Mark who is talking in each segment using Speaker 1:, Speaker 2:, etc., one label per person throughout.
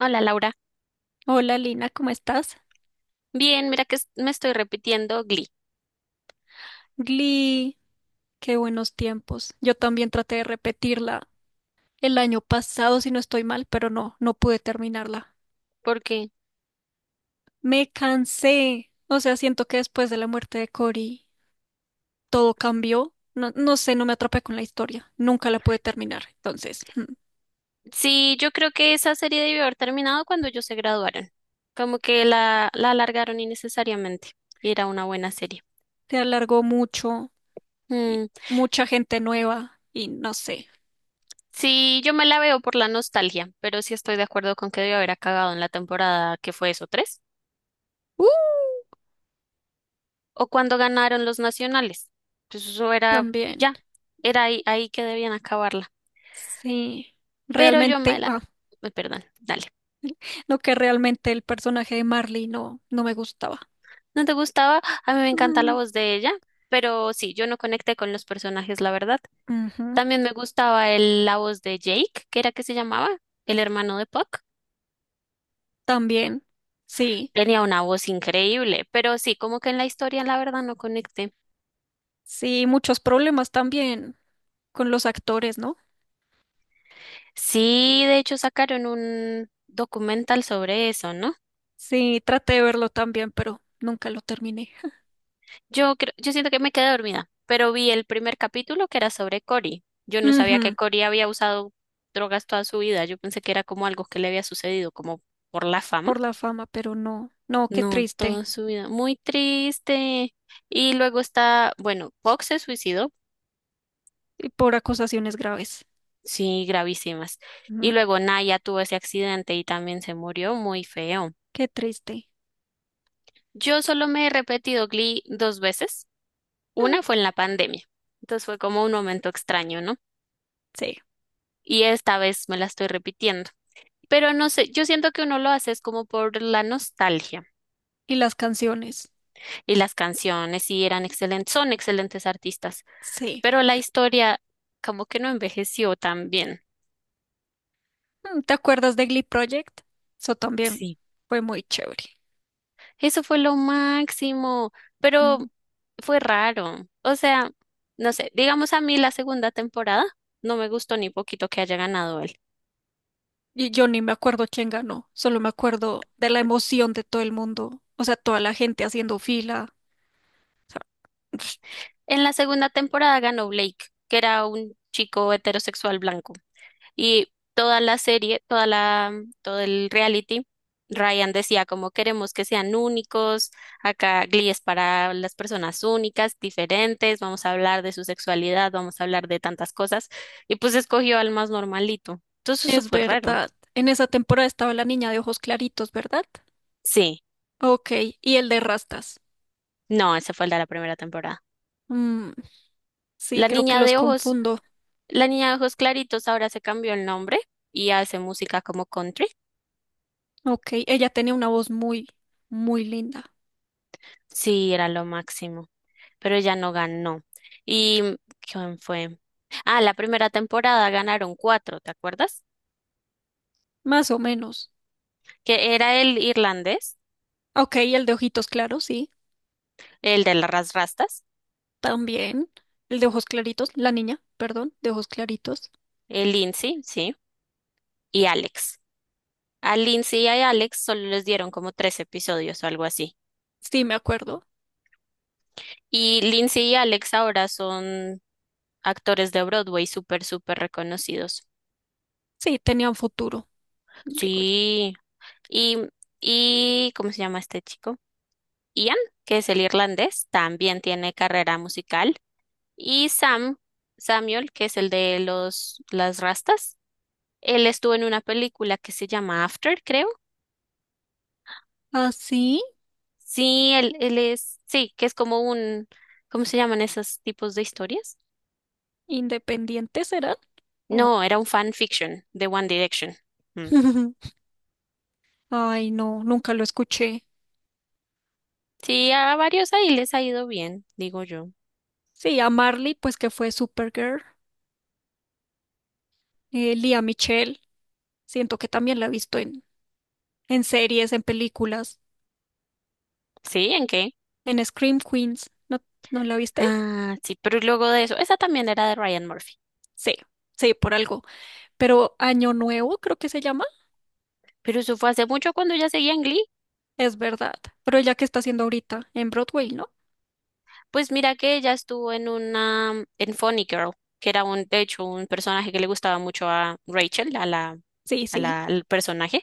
Speaker 1: Hola Laura.
Speaker 2: Hola Lina, ¿cómo estás?
Speaker 1: Bien, mira que me estoy repitiendo Glee,
Speaker 2: Glee, qué buenos tiempos. Yo también traté de repetirla el año pasado, si no estoy mal, pero no pude terminarla.
Speaker 1: porque
Speaker 2: Me cansé. O sea, siento que después de la muerte de Cory todo cambió. No, no sé, no me atrapé con la historia. Nunca la pude terminar. Entonces,
Speaker 1: sí, yo creo que esa serie debió haber terminado cuando ellos se graduaron. Como que la alargaron innecesariamente y era una buena serie.
Speaker 2: se alargó mucho y
Speaker 1: Mm,
Speaker 2: mucha gente nueva y no sé.
Speaker 1: sí, yo me la veo por la nostalgia, pero sí estoy de acuerdo con que debió haber acabado en la temporada que fue eso, 3,
Speaker 2: ¡Uh!
Speaker 1: o cuando ganaron los nacionales. Pues eso era
Speaker 2: También.
Speaker 1: ya, era ahí que debían acabarla.
Speaker 2: Sí.
Speaker 1: Pero yo me
Speaker 2: Realmente,
Speaker 1: la, perdón, dale.
Speaker 2: no que realmente el personaje de Marley no me gustaba.
Speaker 1: ¿No te gustaba? A mí me encanta la
Speaker 2: Mm.
Speaker 1: voz de ella, pero sí, yo no conecté con los personajes, la verdad.
Speaker 2: Ujú.
Speaker 1: También me gustaba la voz de Jake, que era que se llamaba, el hermano de Puck.
Speaker 2: También, sí,
Speaker 1: Tenía una voz increíble, pero sí, como que en la historia, la verdad, no conecté.
Speaker 2: sí, muchos problemas también con los actores, ¿no?
Speaker 1: Sí, de hecho, sacaron un documental sobre eso, ¿no?
Speaker 2: Sí, traté de verlo también, pero nunca lo terminé.
Speaker 1: Yo creo, yo siento que me quedé dormida, pero vi el primer capítulo que era sobre Cory. Yo no sabía que
Speaker 2: Ujú.
Speaker 1: Cory había usado drogas toda su vida. Yo pensé que era como algo que le había sucedido, como por la fama.
Speaker 2: Por la fama, pero no, qué
Speaker 1: No,
Speaker 2: triste.
Speaker 1: toda su vida. Muy triste. Y luego está, bueno, Fox se suicidó,
Speaker 2: Y por acusaciones graves.
Speaker 1: sí, gravísimas. Y
Speaker 2: Ujú.
Speaker 1: luego Naya tuvo ese accidente y también se murió muy feo.
Speaker 2: Qué triste.
Speaker 1: Yo solo me he repetido Glee 2 veces.
Speaker 2: Mm.
Speaker 1: Una fue en la pandemia. Entonces fue como un momento extraño, ¿no?
Speaker 2: Sí,
Speaker 1: Y esta vez me la estoy repitiendo. Pero no sé, yo siento que uno lo hace es como por la nostalgia.
Speaker 2: y las canciones,
Speaker 1: Y las canciones sí eran excelentes, son excelentes artistas.
Speaker 2: sí.
Speaker 1: Pero la historia como que no envejeció tan bien.
Speaker 2: Mm, ¿te acuerdas de Glee Project? Eso también
Speaker 1: Sí,
Speaker 2: fue muy chévere.
Speaker 1: eso fue lo máximo, pero fue raro. O sea, no sé, digamos a mí la segunda temporada no me gustó ni poquito que haya ganado él.
Speaker 2: Y yo ni me acuerdo quién ganó, solo me acuerdo de la emoción de todo el mundo, o sea, toda la gente haciendo fila. O sea,
Speaker 1: En la segunda temporada ganó Blake, que era un chico heterosexual blanco. Y toda la serie, toda la, todo el reality, Ryan decía como queremos que sean únicos, acá Glee es para las personas únicas, diferentes, vamos a hablar de su sexualidad, vamos a hablar de tantas cosas, y pues escogió al más normalito. Entonces eso
Speaker 2: es
Speaker 1: fue raro.
Speaker 2: verdad. En esa temporada estaba la niña de ojos claritos, ¿verdad?
Speaker 1: Sí,
Speaker 2: Ok, y el de rastas.
Speaker 1: no, ese fue el de la primera temporada.
Speaker 2: Mm, sí,
Speaker 1: La
Speaker 2: creo que
Speaker 1: niña
Speaker 2: los
Speaker 1: de ojos,
Speaker 2: confundo.
Speaker 1: la niña de ojos claritos ahora se cambió el nombre y hace música como country.
Speaker 2: Ok, ella tenía una voz muy, muy linda,
Speaker 1: Sí, era lo máximo. Pero ella no ganó. ¿Y quién fue? Ah, la primera temporada ganaron 4, ¿te acuerdas?
Speaker 2: más o menos.
Speaker 1: Que era el irlandés,
Speaker 2: Ok, y el de ojitos claros, sí,
Speaker 1: el de las rastas,
Speaker 2: también. El de ojos claritos, la niña, perdón, de ojos claritos.
Speaker 1: el Lindsay, sí, y Alex. A Lindsay y a Alex solo les dieron como 3 episodios o algo así.
Speaker 2: Sí, me acuerdo.
Speaker 1: Y Lindsay y Alex ahora son actores de Broadway súper, súper reconocidos.
Speaker 2: Sí, tenía un futuro, digo yo.
Speaker 1: Sí. Y, y ¿cómo se llama este chico? Ian, que es el irlandés, también tiene carrera musical. Y Sam, Samuel, que es el de los, las rastas, él estuvo en una película que se llama After, creo.
Speaker 2: ¿Ah, sí?
Speaker 1: Sí, él es, sí, que es como un, ¿cómo se llaman esos tipos de historias?
Speaker 2: ¿Independientes será?
Speaker 1: No,
Speaker 2: O-
Speaker 1: era un fan fiction de One Direction. Mm.
Speaker 2: Ay, no, nunca lo escuché.
Speaker 1: Sí, a varios ahí les ha ido bien, digo yo.
Speaker 2: Sí, a Marley, pues que fue Supergirl. Lea Michele, siento que también la he visto en series, en películas,
Speaker 1: ¿Sí? ¿En qué?
Speaker 2: en Scream Queens. ¿No, no la viste?
Speaker 1: Ah, sí, pero luego de eso, esa también era de Ryan Murphy.
Speaker 2: Sí, sí, por algo. Pero Año Nuevo, creo que se llama.
Speaker 1: Pero eso fue hace mucho cuando ya seguía en Glee.
Speaker 2: Es verdad. Pero ella que está haciendo ahorita en Broadway, ¿no?
Speaker 1: Pues mira que ella estuvo en una, en Funny Girl, que era un, de hecho, un personaje que le gustaba mucho a Rachel,
Speaker 2: Sí,
Speaker 1: a
Speaker 2: sí,
Speaker 1: la, al personaje.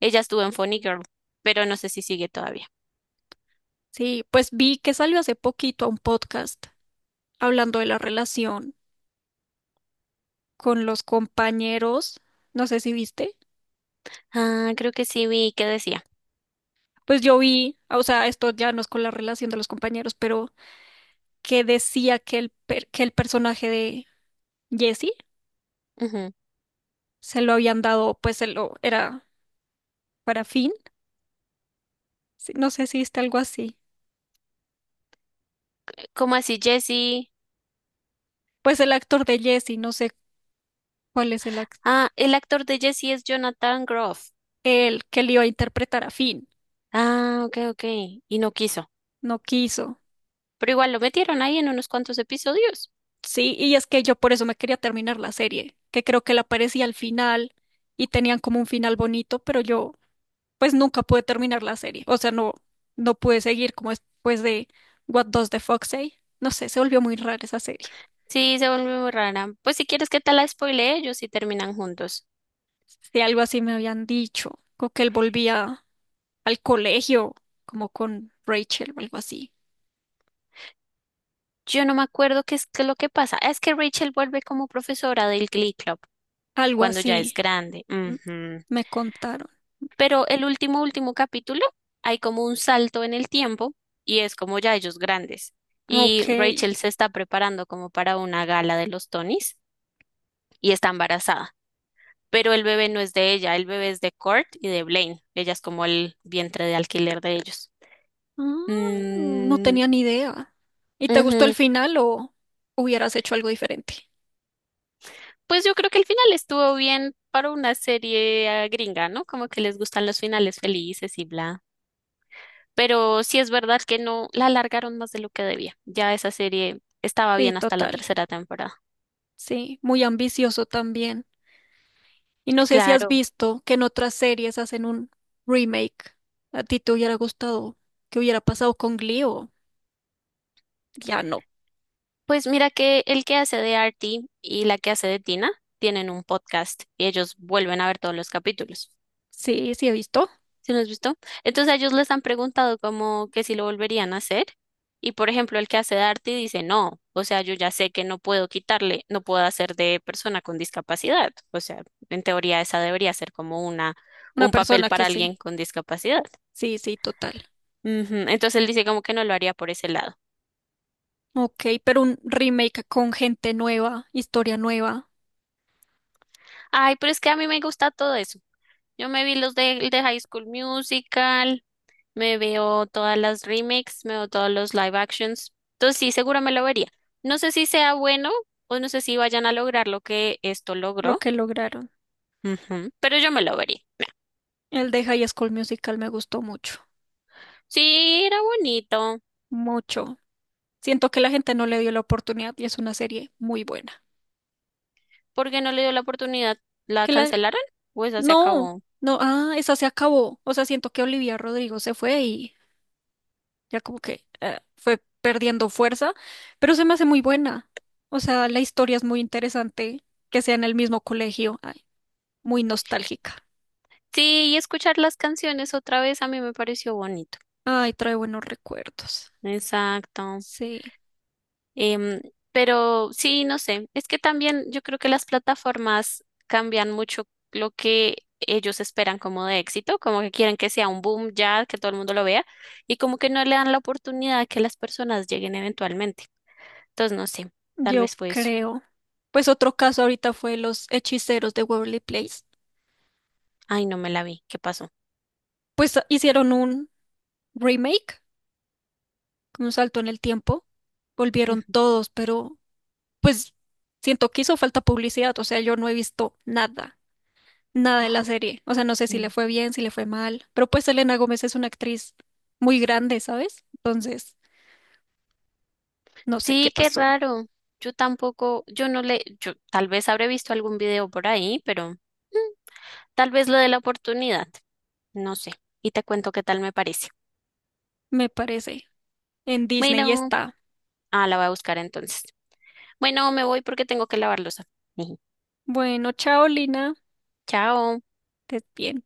Speaker 1: Ella estuvo en Funny Girl, pero no sé si sigue todavía.
Speaker 2: sí. Pues vi que salió hace poquito a un podcast hablando de la relación con los compañeros. No sé si viste.
Speaker 1: Ah, creo que sí vi que decía.
Speaker 2: Pues yo vi, o sea, esto ya no es con la relación de los compañeros, pero que decía que el, per- que el personaje de Jesse
Speaker 1: Ujú.
Speaker 2: se lo habían dado, pues se lo era para Finn. Sí, no sé si está algo así.
Speaker 1: ¿Cómo así, Jesse?
Speaker 2: Pues el actor de Jesse, no sé cuál es el actor,
Speaker 1: Ah, el actor de Jesse es Jonathan Groff.
Speaker 2: el que le iba a interpretar a Finn,
Speaker 1: Ah, ok, ok. Y no quiso.
Speaker 2: no quiso.
Speaker 1: Pero igual lo metieron ahí en unos cuantos episodios.
Speaker 2: Sí, y es que yo por eso me quería terminar la serie, que creo que la aparecía al final y tenían como un final bonito, pero yo pues nunca pude terminar la serie. O sea, no pude seguir como después de What Does the Fox Say. No sé, se volvió muy rara esa serie.
Speaker 1: Sí, se volvió muy rara. Pues si quieres que te la spoile ellos y terminan juntos.
Speaker 2: Si algo así me habían dicho, como que él volvía al colegio, como con Rachel o algo así.
Speaker 1: Yo no me acuerdo qué es lo que pasa. Es que Rachel vuelve como profesora del Glee Club
Speaker 2: Algo
Speaker 1: cuando ya es
Speaker 2: así
Speaker 1: grande.
Speaker 2: m-
Speaker 1: Ujú.
Speaker 2: me contaron.
Speaker 1: Pero el último, último capítulo, hay como un salto en el tiempo y es como ya ellos grandes.
Speaker 2: Ok.
Speaker 1: Y Rachel se está preparando como para una gala de los Tonys y está embarazada. Pero el bebé no es de ella, el bebé es de Kurt y de Blaine. Ella es como el vientre de alquiler de ellos.
Speaker 2: Ah, no
Speaker 1: Mm,
Speaker 2: tenía ni idea. ¿Y te gustó el
Speaker 1: ujú.
Speaker 2: final o hubieras hecho algo diferente?
Speaker 1: Pues yo creo que el final estuvo bien para una serie gringa, ¿no? Como que les gustan los finales felices y bla. Pero sí es verdad que no la alargaron más de lo que debía. Ya esa serie estaba
Speaker 2: Sí,
Speaker 1: bien hasta la
Speaker 2: total.
Speaker 1: tercera temporada.
Speaker 2: Sí, muy ambicioso también. Y no sé si has
Speaker 1: Claro.
Speaker 2: visto que en otras series hacen un remake. ¿A ti te hubiera gustado que hubiera pasado con Glee o ya no?
Speaker 1: Pues mira que el que hace de Artie y la que hace de Tina tienen un podcast y ellos vuelven a ver todos los capítulos.
Speaker 2: Sí, sí he visto.
Speaker 1: ¿Sí lo has visto? Entonces a ellos les han preguntado como que si lo volverían a hacer. Y por ejemplo, el que hace de arte dice no, o sea, yo ya sé que no puedo quitarle, no puedo hacer de persona con discapacidad. O sea, en teoría esa debería ser como una,
Speaker 2: Una
Speaker 1: un papel
Speaker 2: persona que
Speaker 1: para
Speaker 2: sí.
Speaker 1: alguien con discapacidad.
Speaker 2: Sí, sí, total.
Speaker 1: Ujú. Entonces él dice como que no lo haría por ese lado.
Speaker 2: Ok, pero un remake con gente nueva, historia nueva,
Speaker 1: Ay, pero es que a mí me gusta todo eso. Yo me vi los de, el de High School Musical. Me veo todas las remakes, me veo todos los live actions. Entonces sí, seguro me lo vería. No sé si sea bueno o no sé si vayan a lograr lo que esto
Speaker 2: lo
Speaker 1: logró.
Speaker 2: que lograron.
Speaker 1: Ujú. Pero yo me lo vería.
Speaker 2: El de High School Musical me gustó mucho,
Speaker 1: Sí, era bonito.
Speaker 2: mucho. Siento que la gente no le dio la oportunidad y es una serie muy buena.
Speaker 1: ¿Por qué no le dio la oportunidad? ¿La
Speaker 2: Que la...
Speaker 1: cancelaron? Pues ya se
Speaker 2: No,
Speaker 1: acabó.
Speaker 2: no, esa se acabó. O sea, siento que Olivia Rodrigo se fue y ya como que fue perdiendo fuerza, pero se me hace muy buena. O sea, la historia es muy interesante, que sea en el mismo colegio, ay, muy nostálgica.
Speaker 1: Sí, y escuchar las canciones otra vez a mí me pareció bonito.
Speaker 2: Ay, trae buenos recuerdos.
Speaker 1: Exacto.
Speaker 2: Sí,
Speaker 1: Em, pero sí, no sé, es que también yo creo que las plataformas cambian mucho lo que ellos esperan como de éxito, como que quieren que sea un boom ya, que todo el mundo lo vea, y como que no le dan la oportunidad a que las personas lleguen eventualmente. Entonces, no sé, tal
Speaker 2: yo
Speaker 1: vez fue eso.
Speaker 2: creo. Pues otro caso ahorita fue Los Hechiceros de Waverly Place.
Speaker 1: Ay, no me la vi, ¿qué pasó?
Speaker 2: Pues hicieron un remake, con un salto en el tiempo. Volvieron
Speaker 1: Ujú.
Speaker 2: todos, pero pues siento que hizo falta publicidad, o sea, yo no he visto nada. Nada en la
Speaker 1: ¡Ah!
Speaker 2: serie. O sea, no sé si le
Speaker 1: Mm.
Speaker 2: fue bien, si le fue mal, pero pues Selena Gómez es una actriz muy grande, ¿sabes? Entonces, no sé qué
Speaker 1: Sí, qué
Speaker 2: pasó,
Speaker 1: raro. Yo tampoco, yo no le, yo tal vez habré visto algún video por ahí, pero tal vez lo de la oportunidad, no sé, y te cuento qué tal me parece.
Speaker 2: me parece. En Disney
Speaker 1: Bueno,
Speaker 2: está.
Speaker 1: la voy a buscar entonces. Bueno, me voy porque tengo que lavar losa.
Speaker 2: Bueno, chao, Lina.
Speaker 1: Chao.
Speaker 2: Estés bien.